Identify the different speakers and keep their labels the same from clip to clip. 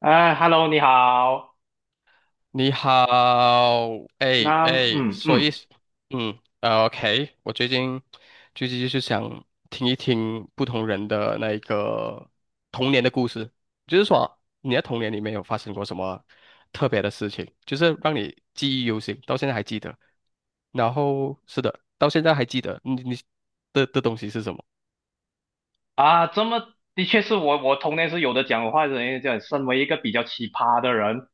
Speaker 1: 哎，Hello，你好。
Speaker 2: 你好。哎
Speaker 1: 那，
Speaker 2: 哎，
Speaker 1: 嗯
Speaker 2: 所以，
Speaker 1: 嗯，
Speaker 2: 嗯， o k 我最近就是想听一听不同人的那一个童年的故事，就是说你在童年里面有发生过什么特别的事情，就是让你记忆犹新，到现在还记得。然后是的，到现在还记得你的东西是什么？
Speaker 1: 啊，的确是我童年是有的讲话的人，讲身为一个比较奇葩的人，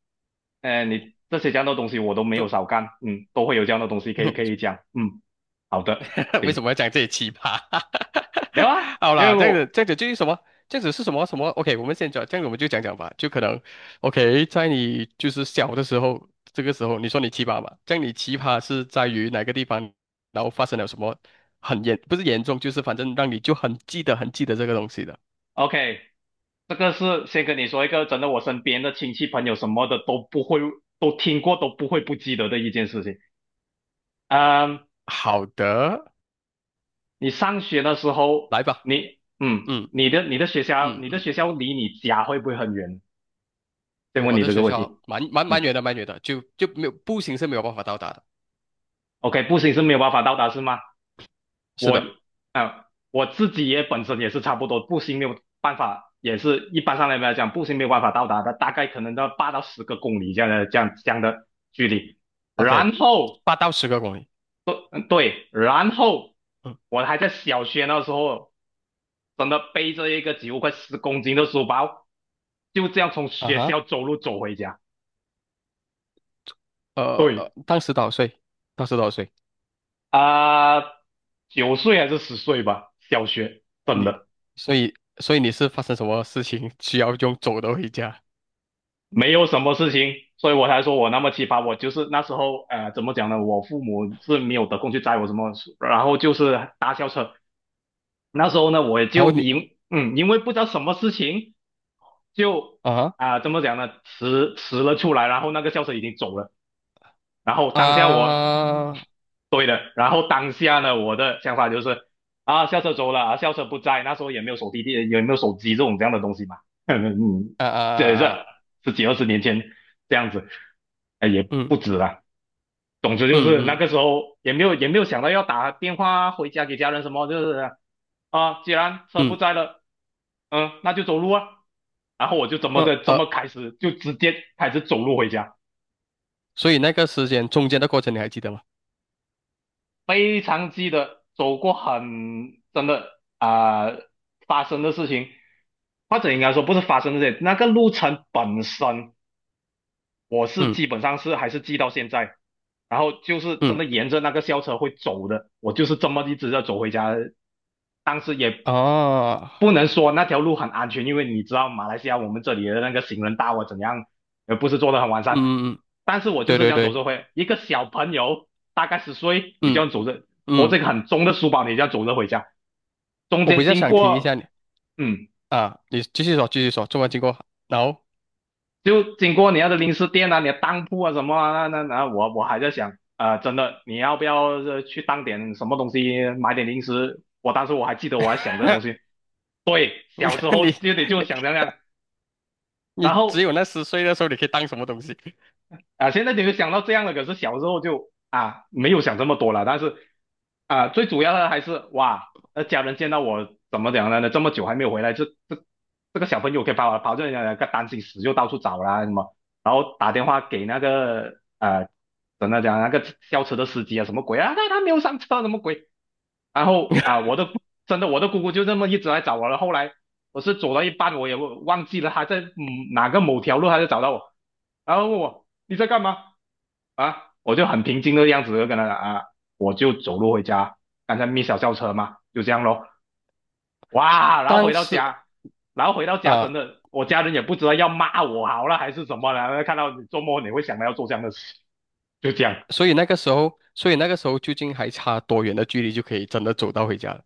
Speaker 1: 哎，你这样的东西我都没有
Speaker 2: 就
Speaker 1: 少干，嗯，都会有这样的东西可以 讲，嗯，好的，
Speaker 2: 为
Speaker 1: 行，
Speaker 2: 什么要讲这些奇葩？
Speaker 1: 没有啊，
Speaker 2: 好
Speaker 1: 因为
Speaker 2: 啦，这样子，这样子就是什么？这样子是什么什么？OK，我们先讲，这样子我们就讲讲吧。就可能，OK，在你就是小的时候，这个时候你说你奇葩吧，这样你奇葩是在于哪个地方，然后发生了什么不是严重，就是反正让你就很记得这个东西的。
Speaker 1: OK，这个是先跟你说一个真的，我身边的亲戚朋友什么的都不会，都听过，都不会不记得的一件事情，嗯
Speaker 2: 好的，
Speaker 1: 你上学的时候，
Speaker 2: 来吧。
Speaker 1: 你嗯，
Speaker 2: 嗯
Speaker 1: 你的学校，
Speaker 2: 嗯
Speaker 1: 你的
Speaker 2: 嗯。
Speaker 1: 学校离你家会不会很远？先问
Speaker 2: 我
Speaker 1: 你
Speaker 2: 的
Speaker 1: 这个
Speaker 2: 学
Speaker 1: 问题。
Speaker 2: 校蛮蛮蛮
Speaker 1: 嗯
Speaker 2: 远的，蛮远的，就没有步行是没有办法到达的。
Speaker 1: ，OK，步行是没有办法到达是吗？
Speaker 2: 是
Speaker 1: 我
Speaker 2: 的
Speaker 1: 啊、我自己也本身也是差不多，步行没有办法，也是一般上来讲，步行没有办法到达的，大概可能到八到十个公里这样的距离。
Speaker 2: ，OK，
Speaker 1: 然后
Speaker 2: 8到10个公里。
Speaker 1: 对，然后
Speaker 2: 嗯。
Speaker 1: 我还在小学那时候，真的背着一个几乎快十公斤的书包，就这样从
Speaker 2: 啊
Speaker 1: 学校
Speaker 2: 哈。
Speaker 1: 走路走回家。
Speaker 2: 呃
Speaker 1: 对
Speaker 2: 呃，当时多少岁？当时多少岁？
Speaker 1: 啊，九岁还是十岁吧，小学真
Speaker 2: 你，
Speaker 1: 的
Speaker 2: 所以你是发生什么事情 需要用走的回家？
Speaker 1: 没有什么事情，所以我才说我那么奇葩。我就是那时候，怎么讲呢？我父母是没有得空去载我什么，然后就是搭校车，那时候呢，我也
Speaker 2: 然
Speaker 1: 就
Speaker 2: 后你
Speaker 1: 因为不知道什么事情，就
Speaker 2: 啊
Speaker 1: 怎么讲呢，迟迟了出来，然后那个校车已经走了，然后
Speaker 2: 啊
Speaker 1: 当下
Speaker 2: 啊
Speaker 1: 对的，然后当下呢，我的想法就是啊，校车走了啊，校车不在，那时候也没有手机电，也没有手机这种这样的东西嘛，嗯，
Speaker 2: 啊啊
Speaker 1: 这
Speaker 2: 啊！
Speaker 1: 十几二十年前这样子，哎，也
Speaker 2: 嗯
Speaker 1: 不止了。总之就
Speaker 2: 嗯
Speaker 1: 是那
Speaker 2: 嗯
Speaker 1: 个时候也没有想到要打电话回家给家人什么，就是啊，既然车不
Speaker 2: 嗯。
Speaker 1: 在了，嗯，那就走路啊。然后我就
Speaker 2: 呃
Speaker 1: 这
Speaker 2: 呃，
Speaker 1: 么开始，就直接开始走路回家，
Speaker 2: 所以那个时间中间的过程你还记得吗？
Speaker 1: 非常记得走过很真的啊、发生的事情，或者应该说不是发生的事情，那个路程本身我是
Speaker 2: 嗯
Speaker 1: 基本上是还是记到现在，然后就是真
Speaker 2: 嗯
Speaker 1: 的沿着那个校车会走的，我就是这么一直在走回家的。当时也
Speaker 2: 啊。
Speaker 1: 不能说那条路很安全，因为你知道马来西亚我们这里的那个行人道啊怎样，不是做的很完善，
Speaker 2: 嗯嗯，
Speaker 1: 但是我就
Speaker 2: 对
Speaker 1: 是这
Speaker 2: 对
Speaker 1: 样走
Speaker 2: 对，
Speaker 1: 着回，一个小朋友大概十岁，你这
Speaker 2: 嗯
Speaker 1: 样走着，拖着
Speaker 2: 嗯，
Speaker 1: 一个很重的书包，你这样走着回家，中
Speaker 2: 我
Speaker 1: 间
Speaker 2: 比较
Speaker 1: 经
Speaker 2: 想听一下
Speaker 1: 过，
Speaker 2: 你
Speaker 1: 嗯。
Speaker 2: 啊，你继续说，做完经过，然后
Speaker 1: 就经过你要的零食店啊，你的当铺啊什么啊，那我还在想，啊，真的你要不要去当点什么东西，买点零食？我当时还记得我还想这东西，对，小时 候
Speaker 2: 你
Speaker 1: 就得就想这样，
Speaker 2: 你
Speaker 1: 然
Speaker 2: 只
Speaker 1: 后
Speaker 2: 有那十岁的时候，你可以当什么东西？
Speaker 1: 现在你就想到这样了，可是小时候就没有想这么多了，但是最主要的还是哇，那家人见到我怎么讲呢？这么久还没有回来，这个小朋友可以把我跑这人家担心死，就到处找啦什么。然后打电话给那个真的讲那个校车的司机啊，什么鬼啊？他没有上车，什么鬼？然后我的姑姑就这么一直来找我了。后来我是走到一半，我也忘记了她在哪个某条路，她就找到我，然后问我你在干嘛啊？我就很平静的样子就跟她讲啊，我就走路回家，刚才 小校车嘛，就这样咯。哇，
Speaker 2: 当时
Speaker 1: 然后回到家真
Speaker 2: 啊。
Speaker 1: 的，我家人也不知道要骂我好了还是什么了，看到你做梦你会想到要做这样的事，就这样。
Speaker 2: 所以那个时候究竟还差多远的距离就可以真的走到回家了？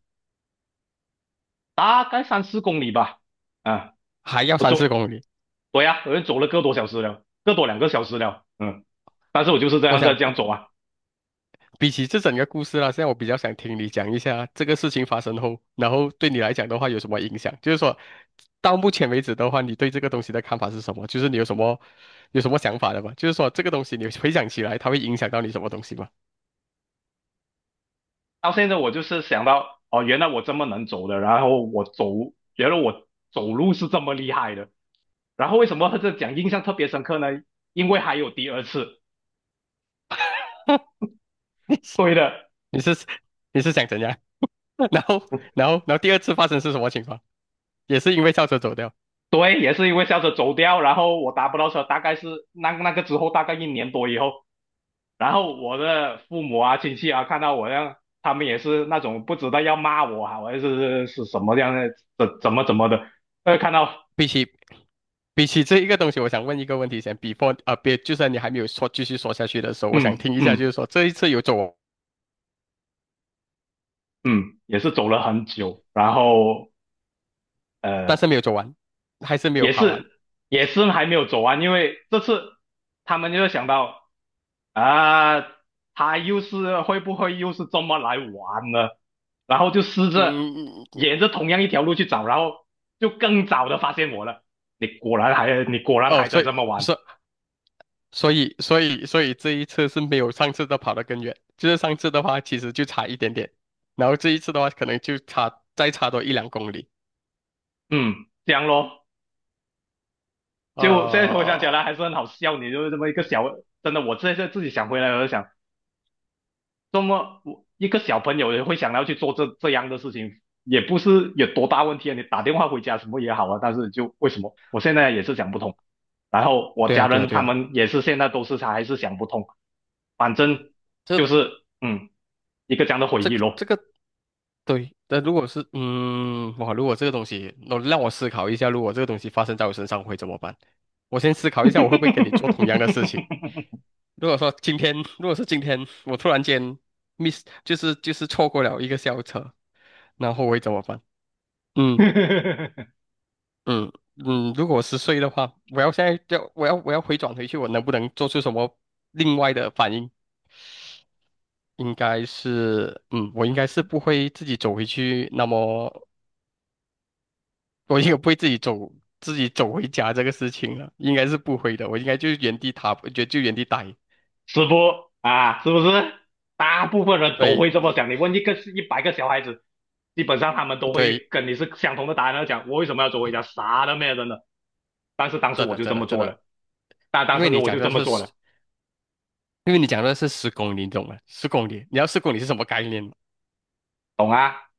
Speaker 1: 大概三四公里吧。啊，
Speaker 2: 还要
Speaker 1: 我
Speaker 2: 三
Speaker 1: 走，
Speaker 2: 四公里。
Speaker 1: 对呀、我就走了个多小时了，个多两个小时了。嗯，但是我就是这
Speaker 2: 我
Speaker 1: 样在
Speaker 2: 想，
Speaker 1: 这样走啊。
Speaker 2: 比起这整个故事啦，现在我比较想听你讲一下这个事情发生后，然后对你来讲的话有什么影响？就是说，到目前为止的话，你对这个东西的看法是什么？有什么想法的吗？就是说，这个东西你回想起来，它会影响到你什么东西吗？
Speaker 1: 到现在我就是想到，哦，原来我这么能走的，然后我走，觉得我走路是这么厉害的。然后为什么这讲印象特别深刻呢？因为还有第二次。对的，
Speaker 2: 你是你是想怎样？然后然后第二次发生是什么情况？也是因为校车走掉。
Speaker 1: 对，也是因为校车走掉，然后我打不到车，大概是那个之后大概一年多以后，然后我的父母啊、亲戚啊，看到我这样，他们也是那种不知道要骂我啊，还是是什么样的，怎么的，看到，
Speaker 2: 比起比起这一个东西，我想问一个问题先，before 啊、别，就算你还没有说继续说下去的时候，我想
Speaker 1: 嗯
Speaker 2: 听一下，就
Speaker 1: 嗯
Speaker 2: 是说这一次有走，
Speaker 1: 嗯，也是走了很久，然后呃，
Speaker 2: 但是没有走完，还是没有
Speaker 1: 也
Speaker 2: 跑完。
Speaker 1: 是也是还没有走完，因为这次他们就想到啊、他又是会不会又是这么来玩呢？然后就试着
Speaker 2: 嗯。
Speaker 1: 沿着同样一条路去找，然后就更早的发现我了。你果然
Speaker 2: 哦，
Speaker 1: 还在这么玩，
Speaker 2: 所所以这一次是没有上次的跑得更远，就是上次的话其实就差一点点，然后这一次的话可能再差多1、2公里。
Speaker 1: 嗯，这样咯。就现在回想起来
Speaker 2: 呃，
Speaker 1: 还是很好笑，你就是这么一个小，真的，我现在自己想回来，我就想，这么我一个小朋友也会想要去做这样的事情，也不是有多大问题啊。你打电话回家什么也好啊，但是就为什么我现在也是想不通。然后我
Speaker 2: 对
Speaker 1: 家
Speaker 2: 啊，对啊，
Speaker 1: 人
Speaker 2: 对
Speaker 1: 他
Speaker 2: 啊，
Speaker 1: 们也是现在都是还是想不通，反正
Speaker 2: 这
Speaker 1: 就
Speaker 2: 个
Speaker 1: 是嗯，一个这样的回
Speaker 2: 这
Speaker 1: 忆
Speaker 2: 个这
Speaker 1: 咯。
Speaker 2: 个对。但如果是哇，如果这个东西，那让我思考一下，如果这个东西发生在我身上会怎么办？我先思考一下，我会不会跟你做同样的事情？如果是今天我突然间 miss，就是错过了一个校车，那后我会怎么办？嗯嗯嗯。如果十岁的话，我要现在就我要我要回转回去，我能不能做出什么另外的反应？应该是，我应该是不会自己走回去，那么我应该不会自己走回家这个事情了，应该是不会的。我应该就原地踏步，就原地待。
Speaker 1: 师傅啊，是不是？大部分人都
Speaker 2: 对
Speaker 1: 会这么想。你问一个一百个小孩子，基本上他们都会
Speaker 2: 对，
Speaker 1: 跟你是相同的答案。讲我为什么要做回家？啥都没有真的。但是当时
Speaker 2: 真
Speaker 1: 我
Speaker 2: 的
Speaker 1: 就
Speaker 2: 真
Speaker 1: 这
Speaker 2: 的
Speaker 1: 么
Speaker 2: 真
Speaker 1: 做了，
Speaker 2: 的，
Speaker 1: 但当
Speaker 2: 因为
Speaker 1: 时
Speaker 2: 你
Speaker 1: 我
Speaker 2: 讲
Speaker 1: 就这
Speaker 2: 的
Speaker 1: 么
Speaker 2: 是
Speaker 1: 做
Speaker 2: 十
Speaker 1: 了，
Speaker 2: 因为你讲的是十公里，你懂吗？十公里，你要十公里是什么概念吗？
Speaker 1: 懂啊，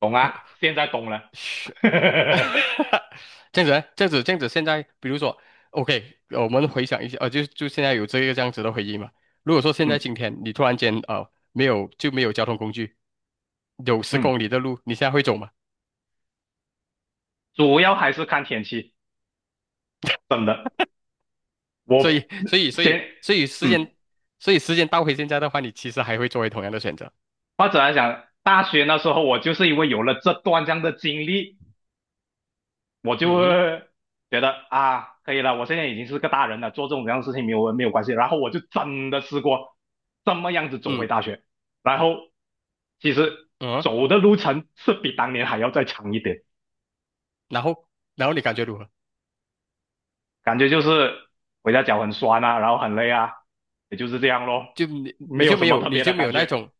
Speaker 1: 懂啊，现在懂了。
Speaker 2: 是。这样子呢，这样子，现在比如说，OK，我们回想一下，就现在有这个这样子的回忆嘛。如果说现在
Speaker 1: 嗯
Speaker 2: 今天你突然间呃没有就没有交通工具，有十
Speaker 1: 嗯，
Speaker 2: 公里的路，你现在会走吗？
Speaker 1: 主要还是看天气。真的，
Speaker 2: 所以，
Speaker 1: 我
Speaker 2: 所以，所
Speaker 1: 先
Speaker 2: 以，所以时
Speaker 1: 嗯，
Speaker 2: 间，所以时间倒回现在的话，你其实还会作为同样的选择。
Speaker 1: 或者来讲，大学那时候我就是因为有了这段这样的经历，我就
Speaker 2: 嗯哼。
Speaker 1: 会觉得啊，可以了，我现在已经是个大人了，做这种这样的事情没有关系。然后我就真的试过这么样子走回
Speaker 2: 嗯
Speaker 1: 大学，然后其实
Speaker 2: 嗯啊。
Speaker 1: 走的路程是比当年还要再长一点，
Speaker 2: 然后，然后你感觉如何？
Speaker 1: 感觉就是回家脚很酸啊，然后很累啊，也就是这样咯，没
Speaker 2: 你
Speaker 1: 有
Speaker 2: 就
Speaker 1: 什
Speaker 2: 没
Speaker 1: 么
Speaker 2: 有，
Speaker 1: 特
Speaker 2: 你
Speaker 1: 别的
Speaker 2: 就没
Speaker 1: 感
Speaker 2: 有那
Speaker 1: 觉。
Speaker 2: 种，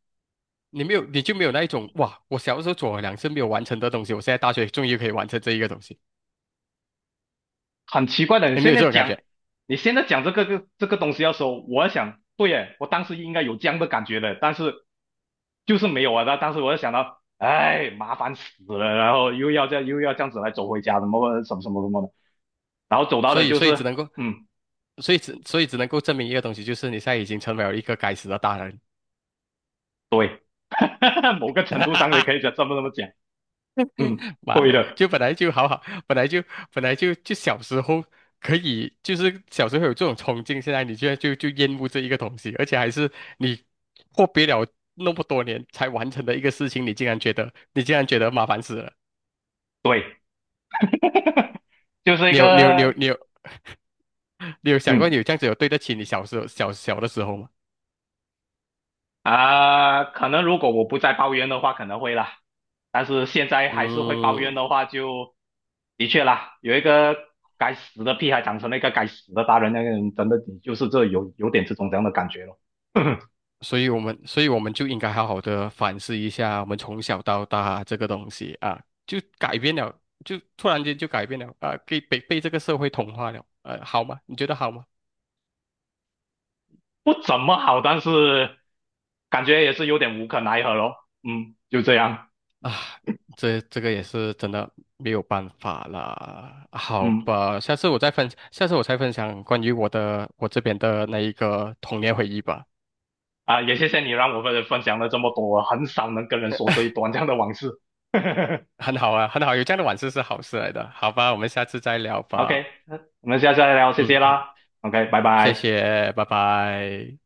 Speaker 2: 你没有，你就没有那一种，哇！我小时候做了2次没有完成的东西，我现在大学终于可以完成这一个东西，
Speaker 1: 很奇怪的，
Speaker 2: 你没有这种感觉。
Speaker 1: 你现在讲这个个这个东西要说，我在想，对耶，我当时应该有这样的感觉的，但是就是没有啊。那当时我就想到，哎，麻烦死了，然后又要这样又要这样子来走回家，什么什么什么什么的，然后走到
Speaker 2: 所
Speaker 1: 的
Speaker 2: 以，
Speaker 1: 就
Speaker 2: 所以
Speaker 1: 是，
Speaker 2: 只能够，
Speaker 1: 嗯，
Speaker 2: 所以只能够证明一个东西，就是你现在已经成为了一个该死的大人。
Speaker 1: 对，某个程度上你可 以这么讲，嗯，
Speaker 2: 妈
Speaker 1: 对
Speaker 2: 的，
Speaker 1: 的，
Speaker 2: 就本来就好好，本来就本来就小时候可以，就是小时候有这种冲劲，现在你居然就厌恶这一个东西，而且还是你阔别了那么多年才完成的一个事情，你竟然觉得麻烦死了。
Speaker 1: 对，就是一
Speaker 2: 你有你有你有
Speaker 1: 个，
Speaker 2: 你有你有想过你
Speaker 1: 嗯。
Speaker 2: 有这样子有对得起你小时候小小的时候吗？
Speaker 1: 可能如果我不再抱怨的话，可能会啦。但是现在还是会抱怨
Speaker 2: 嗯。
Speaker 1: 的话就，的确啦，有一个该死的屁孩长成了一个该死的大人，那个人真的你就是这有点这种这样的感觉咯，
Speaker 2: 所以我们就应该好好的反思一下，我们从小到大这个东西啊，就改变了，就突然间就改变了啊，给被这个社会同化了，好吗？你觉得好吗？
Speaker 1: 不怎么好，但是感觉也是有点无可奈何咯。嗯，就这样。
Speaker 2: 啊，这个也是真的没有办法啦。好
Speaker 1: 嗯，
Speaker 2: 吧，下次我再分享关于我这边的那一个童年回忆吧。
Speaker 1: 也谢谢你让我们分享了这么多，我很少能跟人说这一段这样的往事。
Speaker 2: 很好啊，很好，有这样的往事是好事来的。好吧，我们下次再聊
Speaker 1: OK，
Speaker 2: 吧。
Speaker 1: 我们下次再聊，谢谢
Speaker 2: 嗯，好，
Speaker 1: 啦。OK，拜
Speaker 2: 谢
Speaker 1: 拜。
Speaker 2: 谢，拜拜。